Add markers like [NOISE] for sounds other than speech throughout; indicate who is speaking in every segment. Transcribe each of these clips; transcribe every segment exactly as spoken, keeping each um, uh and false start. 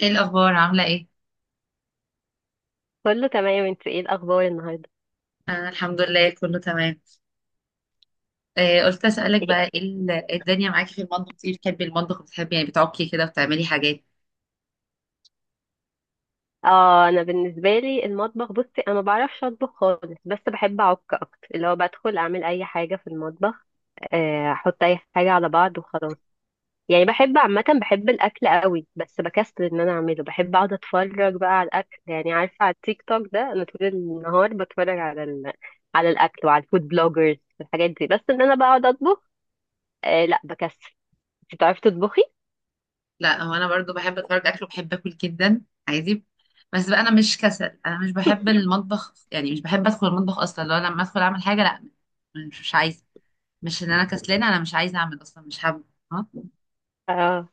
Speaker 1: ايه الاخبار عامله ايه؟
Speaker 2: كله تمام، انت ايه الاخبار النهارده؟
Speaker 1: انا الحمد لله كله تمام. آه قلت اسالك
Speaker 2: إيه؟
Speaker 1: بقى ايه ال- الدنيا معاكي في المطبخ، ايه بتحبي المطبخ، بتحبي يعني بتعكي كده وبتعملي حاجات؟
Speaker 2: اه انا بالنسبه لي المطبخ، بصي انا ما بعرفش اطبخ خالص، بس بحب اعك اكتر، اللي هو بدخل اعمل اي حاجه في المطبخ. آه، احط اي حاجه على بعض وخلاص. يعني بحب عامه، بحب الاكل قوي بس بكسل ان انا اعمله. بحب اقعد اتفرج بقى على الاكل، يعني عارفه على التيك توك ده انا طول النهار بتفرج على ال... على الاكل وعلى الفود بلوجرز والحاجات دي، بس ان انا بقعد اطبخ آه لا، بكسل. انت بتعرفي تطبخي؟
Speaker 1: لا، هو انا برضو بحب اتفرج اكل وبحب اكل جدا، عادي. بس بقى انا مش كسل، انا مش بحب المطبخ، يعني مش بحب ادخل المطبخ اصلا، لو لما ادخل اعمل حاجه، لا. مش مش عايزه. مش ان انا كسلانه، انا مش عايزه اعمل اصلا، مش حابه. اه.
Speaker 2: اه.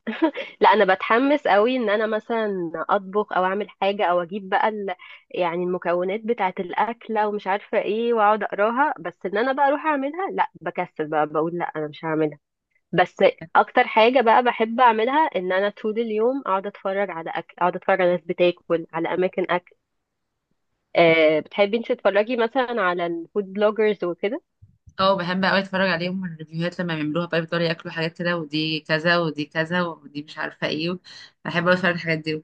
Speaker 2: لا انا بتحمس قوي ان انا مثلا اطبخ او اعمل حاجه او اجيب بقى ال... يعني المكونات بتاعه الاكله ومش عارفه ايه، واقعد اقراها، بس ان انا بقى اروح اعملها لا، بكسل بقى، بقول لا انا مش هعملها. بس اكتر حاجه بقى بحب اعملها ان انا طول اليوم اقعد اتفرج على اكل، اقعد اتفرج على ناس بتاكل، على اماكن اكل. أه، بتحبي انت تتفرجي مثلا على الفود بلوجرز وكده؟
Speaker 1: أه، بحب قوي اتفرج عليهم الريفيوهات لما بيعملوها بقى، بيفضلوا ياكلوا حاجات كده، ودي كذا ودي كذا ودي مش عارفه ايه. بحب أوي اتفرج على الحاجات دي.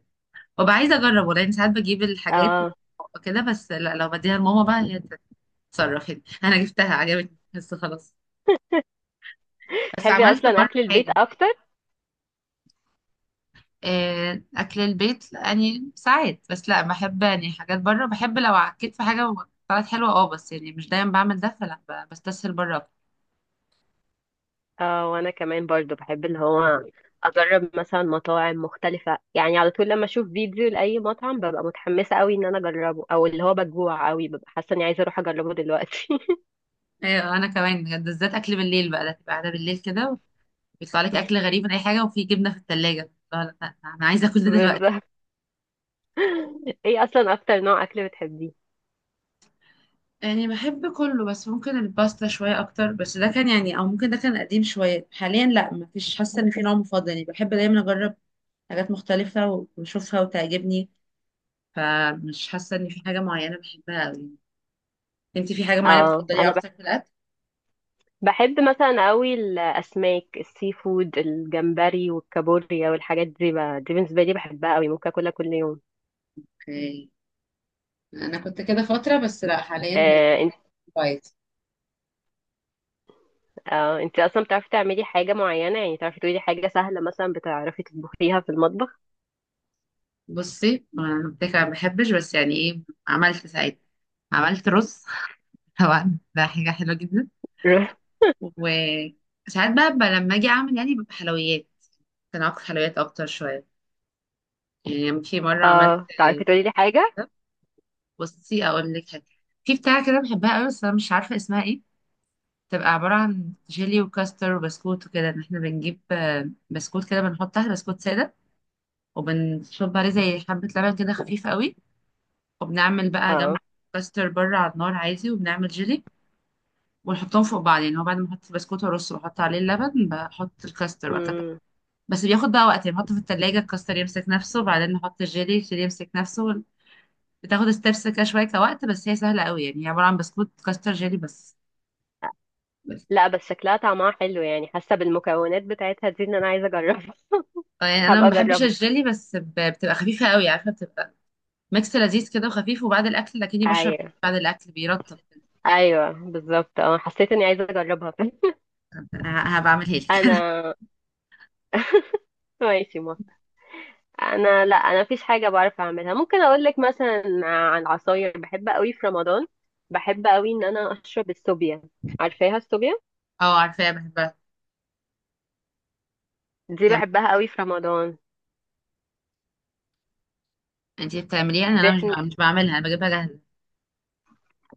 Speaker 1: وابقى عايزه اجرب والله، يعني ساعات بجيب الحاجات
Speaker 2: اه.
Speaker 1: كده، بس لا لو بديها لماما بقى هي تتصرف هنا. [LAUGHS] انا جبتها عجبتني بس خلاص. بس
Speaker 2: بتحبي
Speaker 1: عملت
Speaker 2: اصلا
Speaker 1: مره
Speaker 2: اكل البيت
Speaker 1: حاجه.
Speaker 2: اكتر؟
Speaker 1: آه، اكل البيت يعني ساعات، بس لا بحب يعني حاجات بره، بحب لو عكيت في حاجه طلعت حلوه، اه بس يعني مش دايما بعمل ده، فلا ب- بستسهل بره أكتر.
Speaker 2: اه. وانا كمان برضو بحب اللي هو اجرب مثلا مطاعم مختلفة، يعني على طول لما اشوف فيديو لاي مطعم ببقى متحمسة قوي ان انا اجربه، او اللي هو بجوع قوي ببقى حاسة اني عايزة اروح اجربه دلوقتي.
Speaker 1: ايوه انا كمان بجد، بالذات اكل بالليل بقى، ده تبقى قاعده بالليل كده ويطلع لك اكل
Speaker 2: [LAUGHS]
Speaker 1: غريب من اي حاجه، وفي جبنه في الثلاجه، لا لا لا، انا عايزه اكل ده دلوقتي.
Speaker 2: بالظبط. ايه اصلا اكتر نوع اكل بتحبيه؟
Speaker 1: يعني بحب كله، بس ممكن الباستا شوية أكتر، بس ده كان يعني، أو ممكن ده كان قديم شوية، حاليا لأ مفيش، حاسة إن في نوع مفضل، يعني بحب دايما أجرب حاجات مختلفة و- وأشوفها وتعجبني. فمش حاسة إن في حاجة معينة بحبها أوي. أنت في حاجة معينة
Speaker 2: اه
Speaker 1: بتفضليها
Speaker 2: انا بح-
Speaker 1: أكتر في الأكل؟
Speaker 2: بحب مثلا قوي الاسماك، السي فود، الجمبري والكابوريا والحاجات دي بقى، دي بالنسبة لي بحبها قوي، ممكن اكلها كل يوم.
Speaker 1: اوكي. انا كنت كده فتره، بس لا حاليا بقيت
Speaker 2: آه.
Speaker 1: دايت.
Speaker 2: اه، انت اصلا بتعرفي تعملي حاجه معينه؟ يعني تعرفي تقولي حاجه سهله مثلا بتعرفي تطبخيها في المطبخ؟
Speaker 1: بصي أنا قلت لك أنا ما بحبش، بس يعني إيه، عملت ساعتها، عملت رز. [LAUGHS] طبعا ده حاجة حلوة جدا.
Speaker 2: [LAUGHS]
Speaker 1: وساعات بقى، بقى لما اجي اعمل يعني ببقى حلويات، كان علاقة حلويات اكتر شويه. يعني في مره عملت
Speaker 2: اه تعرفي تقولي لي حاجه.
Speaker 1: كده، بصي اقول لك حاجه، في بتاعه كده بحبها قوي بس انا مش عارفه اسمها ايه، تبقى عباره عن جيلي وكاستر وبسكوت وكده، ان احنا بنجيب، آه، بسكوت كده بنحط تحت بسكوت ساده، وبنصب عليه زي حبه لبن كده خفيف قوي، وبنعمل بقى جنب
Speaker 2: اه.
Speaker 1: كاستر بره على النار عادي، وبنعمل جيلي ونحطهم فوق بعض، يعني هو بعد ما احط البسكوت وارص واحط عليه اللبن بحط الكاستر.
Speaker 2: امم.
Speaker 1: بس بياخد بقى وقت، يعني بحطه في التلاجة، الكاستر يمسك نفسه بعدين نحط الجيلي، الجيلي يمسك نفسه، بتاخد ستيبس كده شوية كوقت، بس هي سهلة قوي، يعني هي عبارة عن بسكوت كاستر جيلي بس. بس.
Speaker 2: لا، بس شكلها طعمها حلو يعني، حاسه بالمكونات بتاعتها دي ان انا عايزه اجربها. [LAUGHS]
Speaker 1: آه، يعني انا
Speaker 2: هبقى
Speaker 1: ما بحبش
Speaker 2: اجربها.
Speaker 1: الجيلي، بس ب- بتبقى خفيفة قوي، عارفة، بتبقى ميكس لذيذ كده وخفيف، وبعد الاكل لكني بشرب،
Speaker 2: ايوه.
Speaker 1: بعد الاكل بيرطب.
Speaker 2: ايوه بالظبط، اه حسيت اني عايزه اجربها. [LAUGHS]
Speaker 1: ه- هبعملها لك.
Speaker 2: انا ماشي ما انا، لا انا مفيش حاجه بعرف اعملها. ممكن اقول لك مثلا عن العصاير، بحب قوي في رمضان بحب قوي ان انا اشرب السوبيا. عارفاها السوبيا؟
Speaker 1: [LAUGHS] اه عارفاها، بحبها.
Speaker 2: دي
Speaker 1: بتعمل-
Speaker 2: بحبها قوي في رمضان.
Speaker 1: انتي بتعمليها؟ انا
Speaker 2: دي
Speaker 1: أنا مش
Speaker 2: احنا
Speaker 1: بع- مش بعملها، انا بجيبها جاهزة.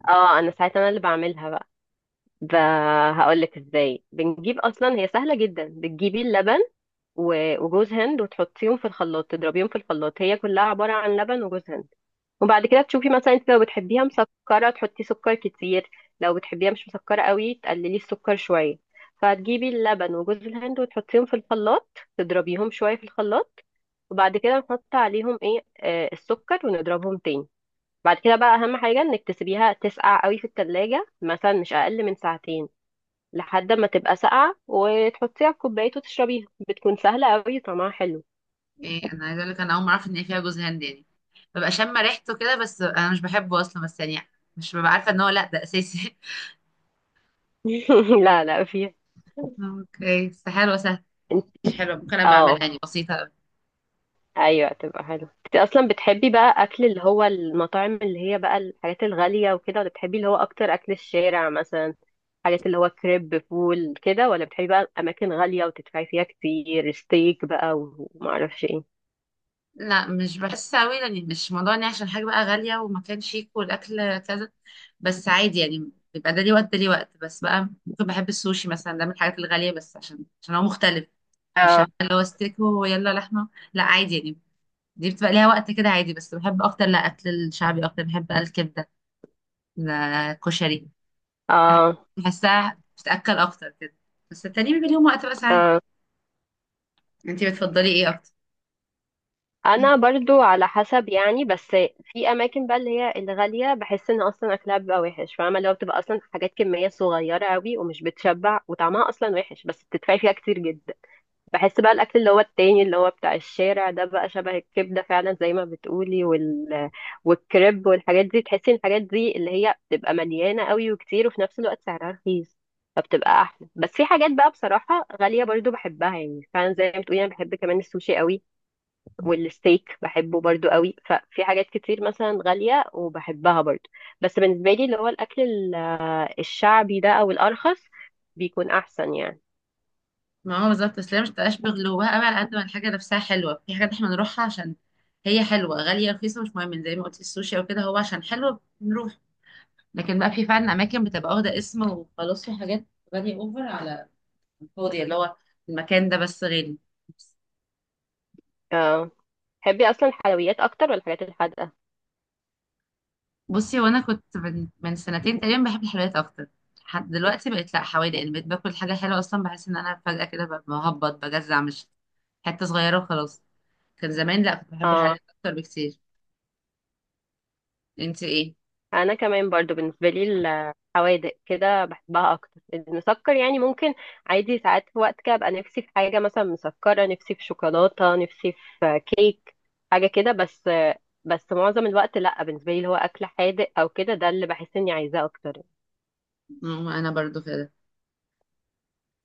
Speaker 2: اه انا ساعتها انا اللي بعملها بقى ب... هقول لك ازاي بنجيب، اصلا هي سهله جدا، بتجيبي اللبن و- وجوز هند وتحطيهم في الخلاط، تضربيهم في الخلاط، هي كلها عباره عن لبن وجوز هند. وبعد كده تشوفي مثلا انت لو بتحبيها مسكره تحطي سكر كتير، لو بتحبيها مش مسكره قوي تقللي السكر شويه. فهتجيبي اللبن وجوز الهند وتحطيهم في الخلاط، تضربيهم شويه في الخلاط، وبعد كده نحط عليهم ايه، آه السكر، ونضربهم تاني. بعد كده بقى اهم حاجه انك تسيبيها تسقع قوي في التلاجة مثلا، مش اقل من ساعتين، لحد ما تبقى ساقعه وتحطيها في كوبايه وتشربيها، بتكون سهله قوي طعمها حلو.
Speaker 1: ايه انا عايزة اقول لك، انا اول ما اعرف ان هي فيها جوز هند، يعني ببقى شامة ريحته كده، بس انا مش بحبه اصلا، بس يعني مش ببقى عارفه ان هو لا ده اساسي.
Speaker 2: [LAUGHS] لا لا فيها.
Speaker 1: اوكي، بس حلوة سهلة،
Speaker 2: انت-.
Speaker 1: مش حلوة، ممكن أبقى أعملها
Speaker 2: اه
Speaker 1: يعني، بسيطة أوي.
Speaker 2: ايوه تبقى حلو. انت اصلا بتحبي بقى اكل اللي هو المطاعم اللي هي بقى الحاجات الغاليه وكده، ولا بتحبي اللي هو اكتر اكل الشارع مثلا؟ حاجات اللي هو كريب فول كده، ولا بتحبي بقى اماكن غاليه وتدفعي فيها كتير، ستيك بقى ومعرفش ايه؟
Speaker 1: لا، مش بحس أوي، يعني مش موضوع إني عشان حاجة بقى غالية ومكان شيك والأكل كذا، بس عادي يعني، بيبقى ده ليه وقت ده ليه وقت، بس بقى ممكن بحب السوشي مثلا، ده من الحاجات الغالية، بس عشان عشان هو مختلف. مش
Speaker 2: اه.
Speaker 1: هبقى اللي هو ستيك ويلا لحمة، لا عادي يعني، دي بتبقى ليها وقت كده عادي. بس بحب أكتر لا أكل الشعبي أكتر، بحب الكبدة، لا كشري،
Speaker 2: اه.
Speaker 1: بحسها بتتأكل أكتر كده. بس التاني بيبقى ليهم وقت بقى ساعات.
Speaker 2: اه
Speaker 1: انتي بتفضلي ايه أكتر؟
Speaker 2: انا برضو على حسب يعني، بس في اماكن بقى اللي هي الغاليه بحس ان اصلا اكلها بيبقى وحش، فاهمه، اللي هو بتبقى اصلا حاجات كميه صغيره قوي ومش بتشبع وطعمها اصلا وحش، بس بتدفعي فيها كتير جدا. بحس بقى الاكل اللي هو التاني اللي هو بتاع الشارع ده، بقى شبه الكبده فعلا زي ما بتقولي، وال والكريب والحاجات دي، تحسي ان الحاجات دي اللي هي بتبقى مليانه قوي وكتير، وفي نفس الوقت سعرها رخيص، فبتبقى احلى. بس في حاجات بقى بصراحه غاليه برضو بحبها، يعني فعلا زي ما بتقولي انا بحب كمان السوشي قوي،
Speaker 1: [LAUGHS]
Speaker 2: والستيك بحبه برضو قوي، ففي حاجات كتير مثلا غالية وبحبها برضو. بس بالنسبة لي اللي هو الأكل ال- الشعبي ده أو الأرخص بيكون أحسن يعني.
Speaker 1: ما هو بالظبط، بس هي مش تبقاش بغلوها قوي على قد ما الحاجه نفسها حلوه، في حاجات احنا بنروحها عشان هي حلوه، غاليه رخيصه مش مهم، زي ما قلت السوشي او كده، هو عشان حلو بنروح. لكن بقى في فعلا اماكن بتبقى واخده اسم وخلاص، في حاجات غاليه اوفر على الفاضي، اللي هو المكان ده بس غالي.
Speaker 2: اه. تحبي أصلا حلويات أكتر ولا الحاجات الحادقة؟
Speaker 1: بصي وانا كنت من, من سنتين تقريبا بحب الحلويات اكتر، لحد دلوقتي بقيت لا حوادق، ان بقيت باكل حاجه حلوه اصلا بحس ان انا فجاه كده ببقى مهبط بجزع، مش حته صغيره وخلاص. كان زمان لا كنت بحب
Speaker 2: اه
Speaker 1: الحلويات اكتر بكتير. انت ايه؟
Speaker 2: انا كمان برضو بالنسبه لي الحوادق كده بحبها اكتر، المسكر يعني ممكن عادي، ساعات في وقت كده ابقى نفسي في حاجه مثلا مسكره، نفسي في شوكولاته، نفسي في كيك، حاجه كده، بس بس معظم الوقت لا، بالنسبه لي اللي هو اكل حادق او كده ده اللي بحس اني عايزاه اكتر.
Speaker 1: مم، انا برضو كده.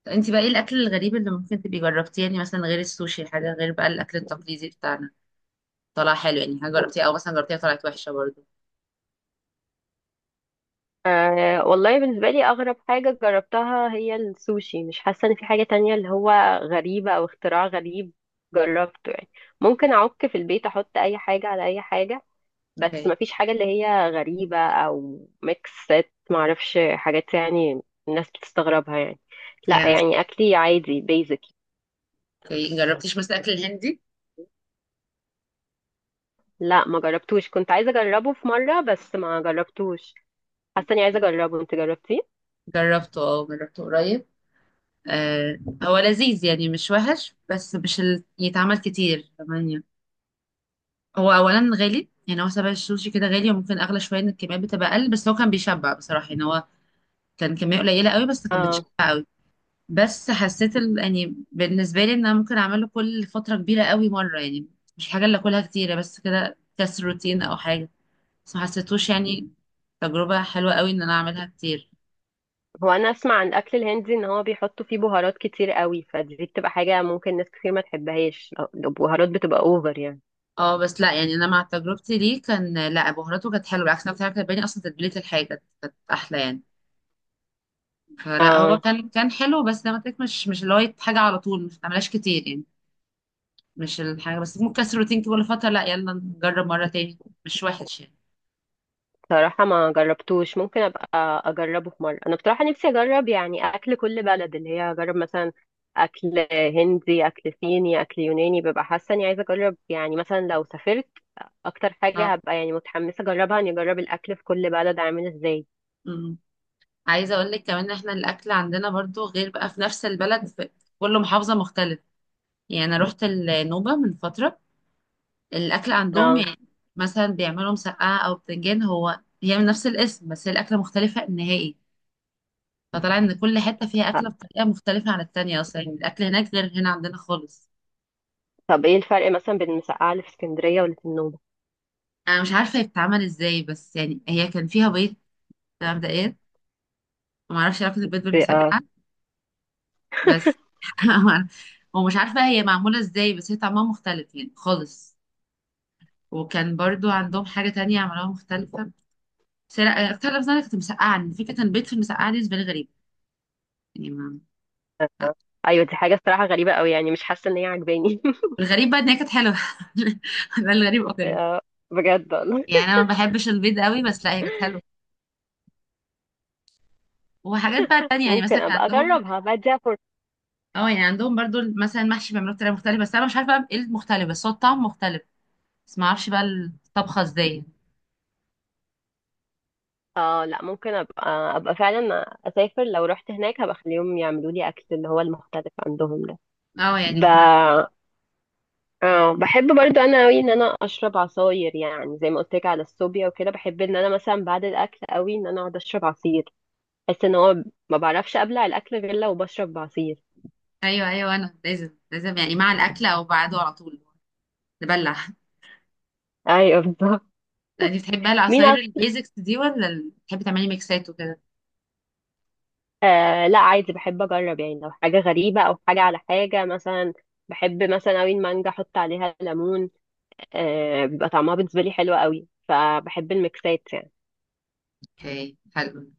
Speaker 1: طب انت بقى ايه الاكل الغريب اللي ممكن تبقي جربتيه، يعني مثلا غير السوشي، حاجه غير بقى الاكل التقليدي بتاعنا، طلع حلو يعني، حاجه جربتيها او مثلا جربتيها طلعت وحشه برضو.
Speaker 2: أه والله بالنسبه لي اغرب حاجه جربتها هي السوشي، مش حاسه ان في حاجه تانية اللي هو غريبه او اختراع غريب جربته يعني. ممكن اعك في البيت احط اي حاجه على اي حاجه، بس
Speaker 1: اوكي.
Speaker 2: مفيش حاجة اللي هي غريبة أو ميكسات معرفش حاجات يعني الناس بتستغربها يعني، لا
Speaker 1: يعني
Speaker 2: يعني أكلي عادي بيزك.
Speaker 1: اوكي، جربتيش مثلا الاكل الهندي؟
Speaker 2: لا ما جربتوش، كنت عايزة أجربه في مرة بس ما جربتوش، حاسة إني عايزة أجربه. أنت جربتيه؟
Speaker 1: جربته اه جربته قريب. آه، هو لذيذ يعني، مش وحش، بس مش ال... يتعمل كتير كمان يعني. هو اولا غالي، يعني هو سبع السوشي كده غالي، وممكن اغلى شويه ان الكميات بتبقى اقل، بس هو كان بيشبع بصراحه، يعني هو كان كميه قليله قوي بس كانت
Speaker 2: اه.
Speaker 1: بتشبع. بس حسيت ال... يعني بالنسبه لي ان انا ممكن اعمله كل فتره كبيره قوي مره، يعني مش حاجه اللي اكلها كتيره، بس كده كسر روتين او حاجه، بس ما حسيتوش يعني تجربه حلوه قوي ان انا اعملها كتير.
Speaker 2: هو أنا أسمع عن الأكل الهندي إن هو بيحطوا فيه بهارات كتير قوي، فدي بتبقى حاجة ممكن ناس كتير ما تحبهاش، البهارات بتبقى أوفر يعني.
Speaker 1: اه بس لا يعني، انا مع تجربتي ليه كان لا، بهاراته كانت حلوه بالعكس، انا كنت عارفة كانت اصلا تتبيله الحاجه، كانت احلى يعني. فلا هو
Speaker 2: اه.
Speaker 1: كان كان حلو، بس زي ما قلت لك مش مش اللي هو حاجه على طول مش بتعملهاش كتير يعني، مش الحاجه، بس ممكن كسر روتين كل فتره، لا يلا نجرب مره تاني، مش وحش يعني.
Speaker 2: بصراحة ما جربتوش، ممكن أبقى أجربه في مرة. أنا بصراحة نفسي أجرب يعني أكل كل بلد، اللي هي أجرب مثلا أكل هندي، أكل صيني، أكل يوناني، ببقى حاسة إني عايزة أجرب، يعني مثلا لو سافرت أكتر حاجة هبقى يعني متحمسة أجربها إني أجرب الأكل في كل بلد عامل إزاي.
Speaker 1: اه عايزه اقول لك كمان، ان احنا الاكل عندنا برضو غير بقى، في نفس البلد في كل محافظه مختلف، يعني انا رحت النوبه من فتره، الاكل عندهم
Speaker 2: اه.
Speaker 1: يعني مثلا بيعملوا مسقعه او بتنجان، هو هي من نفس الاسم بس هي الاكله مختلفه نهائي، فطلع ان كل حته فيها اكله بطريقه مختلفه عن التانيه اصلا، يعني الاكل هناك غير هنا عندنا خالص.
Speaker 2: طب إيه الفرق مثلا بين المسقعة اللي في اسكندرية واللي في النوبة؟
Speaker 1: انا مش عارفه هي بتتعمل ازاي، بس يعني هي كان فيها بيض مبدئيا، ما اعرفش علاقه البيض
Speaker 2: اه.
Speaker 1: بالمسقعه، بس.
Speaker 2: [LAUGHS]
Speaker 1: [LAUGHS] ومش عارفه هي معموله ازاي، بس هي طعمها مختلف يعني خالص. وكان برضو عندهم حاجة تانية عملوها مختلفة، سرق اكتر لفظة أنا كنت مسقعة، إن في كانت بيت في المسقعة دي، بالنسبة لي غريب يعني ما...
Speaker 2: أيوة دي حاجة الصراحة غريبة أوي، يعني مش حاسة إن هي عجباني.
Speaker 1: الغريب بقى إن هي كانت حلوة. [LAUGHS] ده الغريب
Speaker 2: [LAUGHS]
Speaker 1: أكتر.
Speaker 2: آه، بجد والله.
Speaker 1: يعني أنا ما بحبش البيض قوي بس لا هي كانت حلوة. وحاجات بقى
Speaker 2: [LAUGHS]
Speaker 1: تانية يعني
Speaker 2: ممكن
Speaker 1: مثلا كان
Speaker 2: أبقى
Speaker 1: عندهم،
Speaker 2: أجربها بدي.
Speaker 1: اه يعني عندهم برضو مثلا المحشي بيعملوه بطريقة مختلفة، بس أنا مش عارفة بقى إيه المختلف، بس هو الطعم مختلف، بس ما أعرفش بقى الطبخة إزاي.
Speaker 2: اه لا، ممكن ابقى ابقى فعلا اسافر لو رحت هناك، هبقى اخليهم يعملوا لي اكل اللي هو المختلف عندهم ده.
Speaker 1: اه يعني
Speaker 2: ب...
Speaker 1: احنا.
Speaker 2: اه بحب برضو انا قوي ان انا اشرب عصاير، يعني زي ما قلت لك على الصوبيا وكده، بحب ان انا مثلا بعد الاكل قوي ان انا اقعد اشرب عصير. بحس ان هو ما بعرفش ابلع الاكل غير لو بشرب عصير.
Speaker 1: أيوه أيوه، أنا لازم لازم يعني مع الأكل أو بعده على طول نبلع.
Speaker 2: [LAUGHS] ايوه بالظبط.
Speaker 1: لا انت بتحبها
Speaker 2: مين
Speaker 1: العصاير
Speaker 2: أك...
Speaker 1: البيزكس دي، ولا بتحبي تعملي ميكسات وكده؟
Speaker 2: آه لا عادي بحب اجرب، يعني لو حاجه غريبه او حاجه على حاجه مثلا، بحب مثلا قوي المانجا احط عليها ليمون، آه، بيبقى طعمها بالنسبة لي حلو قوي، فبحب الميكسات يعني.
Speaker 1: اوكي حلو.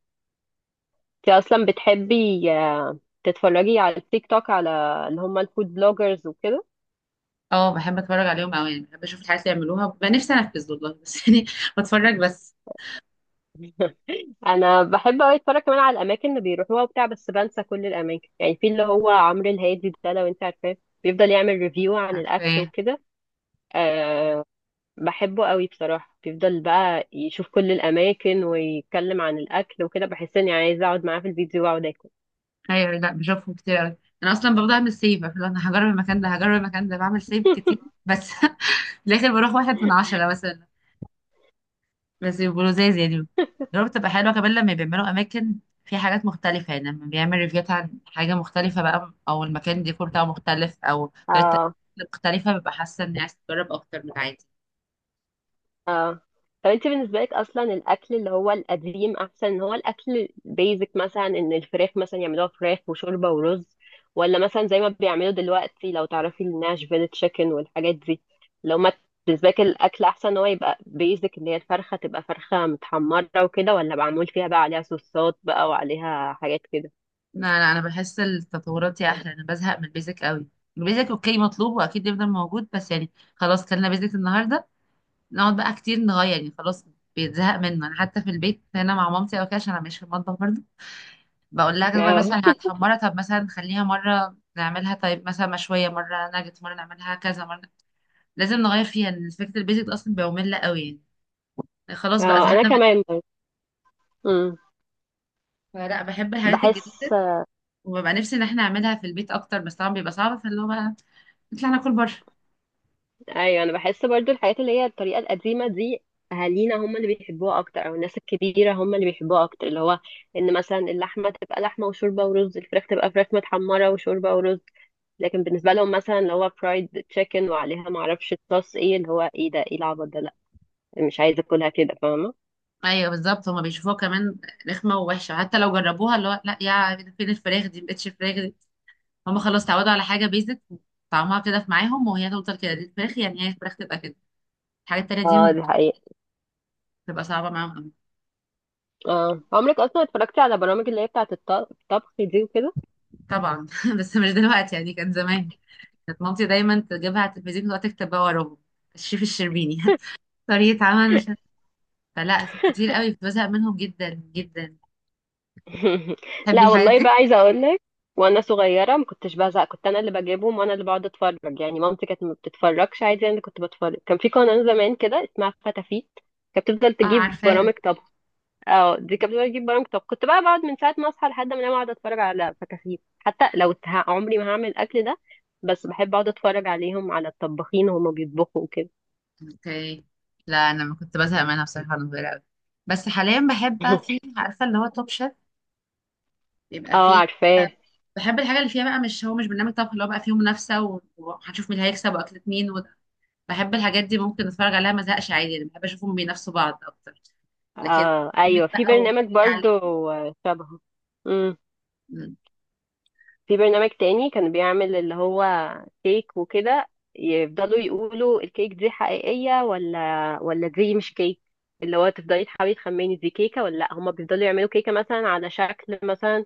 Speaker 2: انت اصلا بتحبي، آه، تتفرجي على التيك توك على اللي هم الفود بلوجرز وكده؟
Speaker 1: اه بحب اتفرج عليهم قوي، يعني بحب اشوف الحاجات اللي يعملوها، ببقى نفسي انفذ والله بس. [LAUGHS] يعني بتفرج بس.
Speaker 2: انا بحب قوي اتفرج كمان على الاماكن اللي بيروحوها وبتاع، بس بنسى كل الاماكن، يعني في اللي هو عمرو الهادي ده لو انت عارفاه، بيفضل يعمل ريفيو عن
Speaker 1: عارفه
Speaker 2: الاكل
Speaker 1: ايه.
Speaker 2: وكده. أه. بحبه قوي بصراحة، بيفضل بقى يشوف كل الاماكن ويتكلم عن الاكل وكده، بحس اني عايزة اقعد معاه في الفيديو واقعد اكل.
Speaker 1: ايوه لا بشوفهم كتير قوي. انا اصلا ببدا اعمل سيف، أقول انا هجرب المكان ده هجرب المكان ده، بعمل سيف كتير بس. [LAUGHS] في الاخر بروح واحد من عشرة مثلا، بس يبقوا لزاز يعني.
Speaker 2: [LAUGHS]
Speaker 1: الريفيو بتبقى حلوة كمان لما بيعملوا أماكن في حاجات مختلفة، يعني لما بيعمل ريفيوات عن حاجة مختلفة بقى، أو المكان ديكور بتاعه مختلف، أو طريقة
Speaker 2: اه.
Speaker 1: التقديم مختلفة، ببقى حاسة إني عايز أجرب أكتر من عادي.
Speaker 2: اه طب انت بالنسبه لك اصلا الاكل اللي هو القديم احسن، ان هو الاكل البيزك مثلا، ان الفراخ مثلا يعملوها فراخ وشوربه ورز، ولا مثلا زي ما بيعملوا دلوقتي لو تعرفي الناشفيل تشيكن والحاجات دي؟ لو ما بالنسبه لك الاكل احسن ان هو يبقى بيزك، اللي هي الفرخه تبقى فرخه متحمره وكده، ولا معمول فيها بقى عليها صوصات بقى وعليها حاجات كده؟
Speaker 1: لا لا، أنا بحس التطورات دي أحلى، أنا بزهق من البيزك قوي، البيزك أوكي مطلوب وأكيد يفضل موجود، بس يعني خلاص كلنا بيزك النهاردة، نقعد بقى كتير نغير يعني، خلاص بيتزهق منه. أنا حتى في البيت هنا مع مامتي أو كده عشان أنا مش في المطبخ برضه، بقول لها بقول
Speaker 2: اه.
Speaker 1: مثلا هتحمرها، طب مثلا نخليها مرة نعملها، طيب مثلا مشوية مرة، ناجت مرة، نعملها كذا مرة، لازم نغير فيها لأن فكرة البيزك ده أصلا بقى مملة قوي يعني، يعني خلاص بقى
Speaker 2: اه انا
Speaker 1: زهقنا من،
Speaker 2: كمان برضه. امم.
Speaker 1: فلا بحب الحاجات
Speaker 2: بحس.
Speaker 1: الجديدة وببقى نفسي إن احنا نعملها في البيت أكتر، بس طبعا بيبقى صعب، فاللي هو بقى نطلع ناكل بره.
Speaker 2: ايوه انا بحس برضو الحاجات اللي هي الطريقه القديمه دي، اهالينا هم اللي بيحبوها اكتر، او الناس الكبيره هم اللي بيحبوها اكتر، اللي هو ان مثلا اللحمه تبقى لحمه وشوربه ورز، الفراخ تبقى فراخ متحمره وشوربه ورز. لكن بالنسبه لهم مثلا اللي هو فرايد تشيكن وعليها ما اعرفش صوص ايه اللي هو، ايه ده، ايه العبط ده، لا مش عايزه اكلها كده، فاهمه.
Speaker 1: أيوه بالظبط هما بيشوفوها كمان رخمة ووحشة، حتى لو جربوها اللي هو لا يا، ده فين الفراخ دي مبقتش فراخ دي، هما خلاص اتعودوا على حاجة بيزك طعمها كده، في معاهم وهي تفضل كده، دي الفراخ يعني، هي الفراخ تبقى كده، الحاجات التانية
Speaker 2: اه
Speaker 1: دي
Speaker 2: دي حقيقة.
Speaker 1: بتبقى صعبة معاهم.
Speaker 2: اه عمرك اصلا اتفرجتي على برامج اللي هي بتاعه الط- الطبخ دي وكده؟
Speaker 1: طبعا. [LAUGHS] بس مش دلوقتي يعني، كانت زمان، كانت مامتي دايما تجيبها على التلفزيون وتقعد تكتب بقى وراهم الشيف الشربيني. [LAUGHS] طريقة عمل مش عارفة. فلا كتير قوي كنت بزهق منهم جدا جدا.
Speaker 2: [LAUGHS]
Speaker 1: تحبي
Speaker 2: لا
Speaker 1: الحاجات
Speaker 2: والله بقى
Speaker 1: دي؟
Speaker 2: عايزه اقول لك، وانا صغيره ما كنتش بزهق، كنت انا اللي بجيبهم وانا اللي بقعد اتفرج، يعني مامتي كانت ما بتتفرجش عادي، انا اللي كنت بتفرج. كان في قناه زمان كده اسمها فتافيت كانت بتفضل
Speaker 1: اه
Speaker 2: تجيب
Speaker 1: عارفاها.
Speaker 2: برامج طبخ. اه دي كانت بتفضل تجيب برامج طبخ، كنت بقى بقعد من ساعه ما اصحى لحد ما انام اقعد اتفرج على فتافيت، حتى لو ه- عمري ما هعمل الاكل ده، بس بحب اقعد اتفرج عليهم على الطباخين وهما بيطبخوا وكده.
Speaker 1: اوكي. لا انا ما كنت بزهق منها بصراحة وانا صغيرة قوي، بس حاليا بحب بقى،
Speaker 2: [LAUGHS]
Speaker 1: في عارفة اللي هو توب شيف، بيبقى
Speaker 2: اه
Speaker 1: فيه،
Speaker 2: عارفاه.
Speaker 1: بحب الحاجة اللي فيها بقى، مش هو مش برنامج طبخ اللي هو بقى فيه منافسة و- وهنشوف مين اللي هيكسب واكلة مين، بحب الحاجات دي ممكن اتفرج عليها ما ازهقش عادي، انا بحب اشوفهم بينافسوا بعض اكتر، لكن
Speaker 2: اه
Speaker 1: برنامج
Speaker 2: ايوه في
Speaker 1: بقى
Speaker 2: برنامج
Speaker 1: وحد يعلم.
Speaker 2: برضو شبهه.
Speaker 1: مم.
Speaker 2: في برنامج تاني كان بيعمل اللي هو كيك وكده، يفضلوا يقولوا الكيك دي حقيقية ولا ولا دي مش كيك، اللي هو تفضلي تحاولي تخمني دي كيكة ولا لأ، هما بيفضلوا يعملوا كيكة مثلا على شكل مثلا،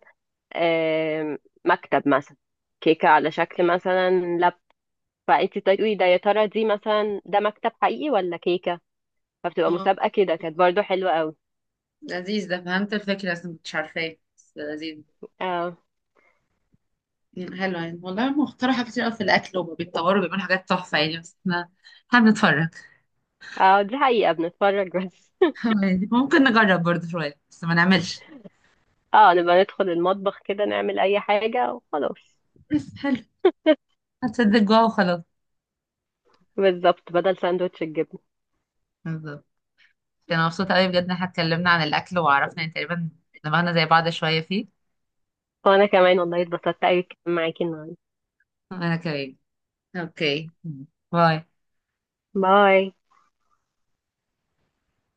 Speaker 2: آم، مكتب مثلا، كيكة على شكل مثلا لاب، فانت تقولي ده يا ترى دي مثلا، ده مكتب حقيقي ولا كيكة، فبتبقى
Speaker 1: اه
Speaker 2: مسابقة كده، كانت برضو حلوة قوي.
Speaker 1: لذيذ، ده فهمت الفكرة بس ما كنتش عارفاه، بس لذيذ.
Speaker 2: اه.
Speaker 1: مم، حلو يعني والله، هم اخترعوا حاجات كتير قوي في الاكل وبيتطوروا، بيعملوا حاجات تحفه يعني، بس احنا هنتفرج،
Speaker 2: اه دي حقيقة بنتفرج بس.
Speaker 1: يعني ممكن نجرب برضه شويه بس ما نعملش.
Speaker 2: [LAUGHS] اه نبقى ندخل المطبخ كده نعمل أي حاجة وخلاص.
Speaker 1: بس حلو. هتصدق جوا وخلاص.
Speaker 2: بالظبط بدل ساندوتش الجبنة.
Speaker 1: بالظبط. انا مبسوطه قوي بجد ان احنا اتكلمنا عن الاكل، وعرفنا يعني تقريبا دماغنا زي بعض شويه فيه.
Speaker 2: وانا كمان والله اتبسطت قوي معاكي النهارده.
Speaker 1: انا كمان. اوكي. باي.
Speaker 2: باي.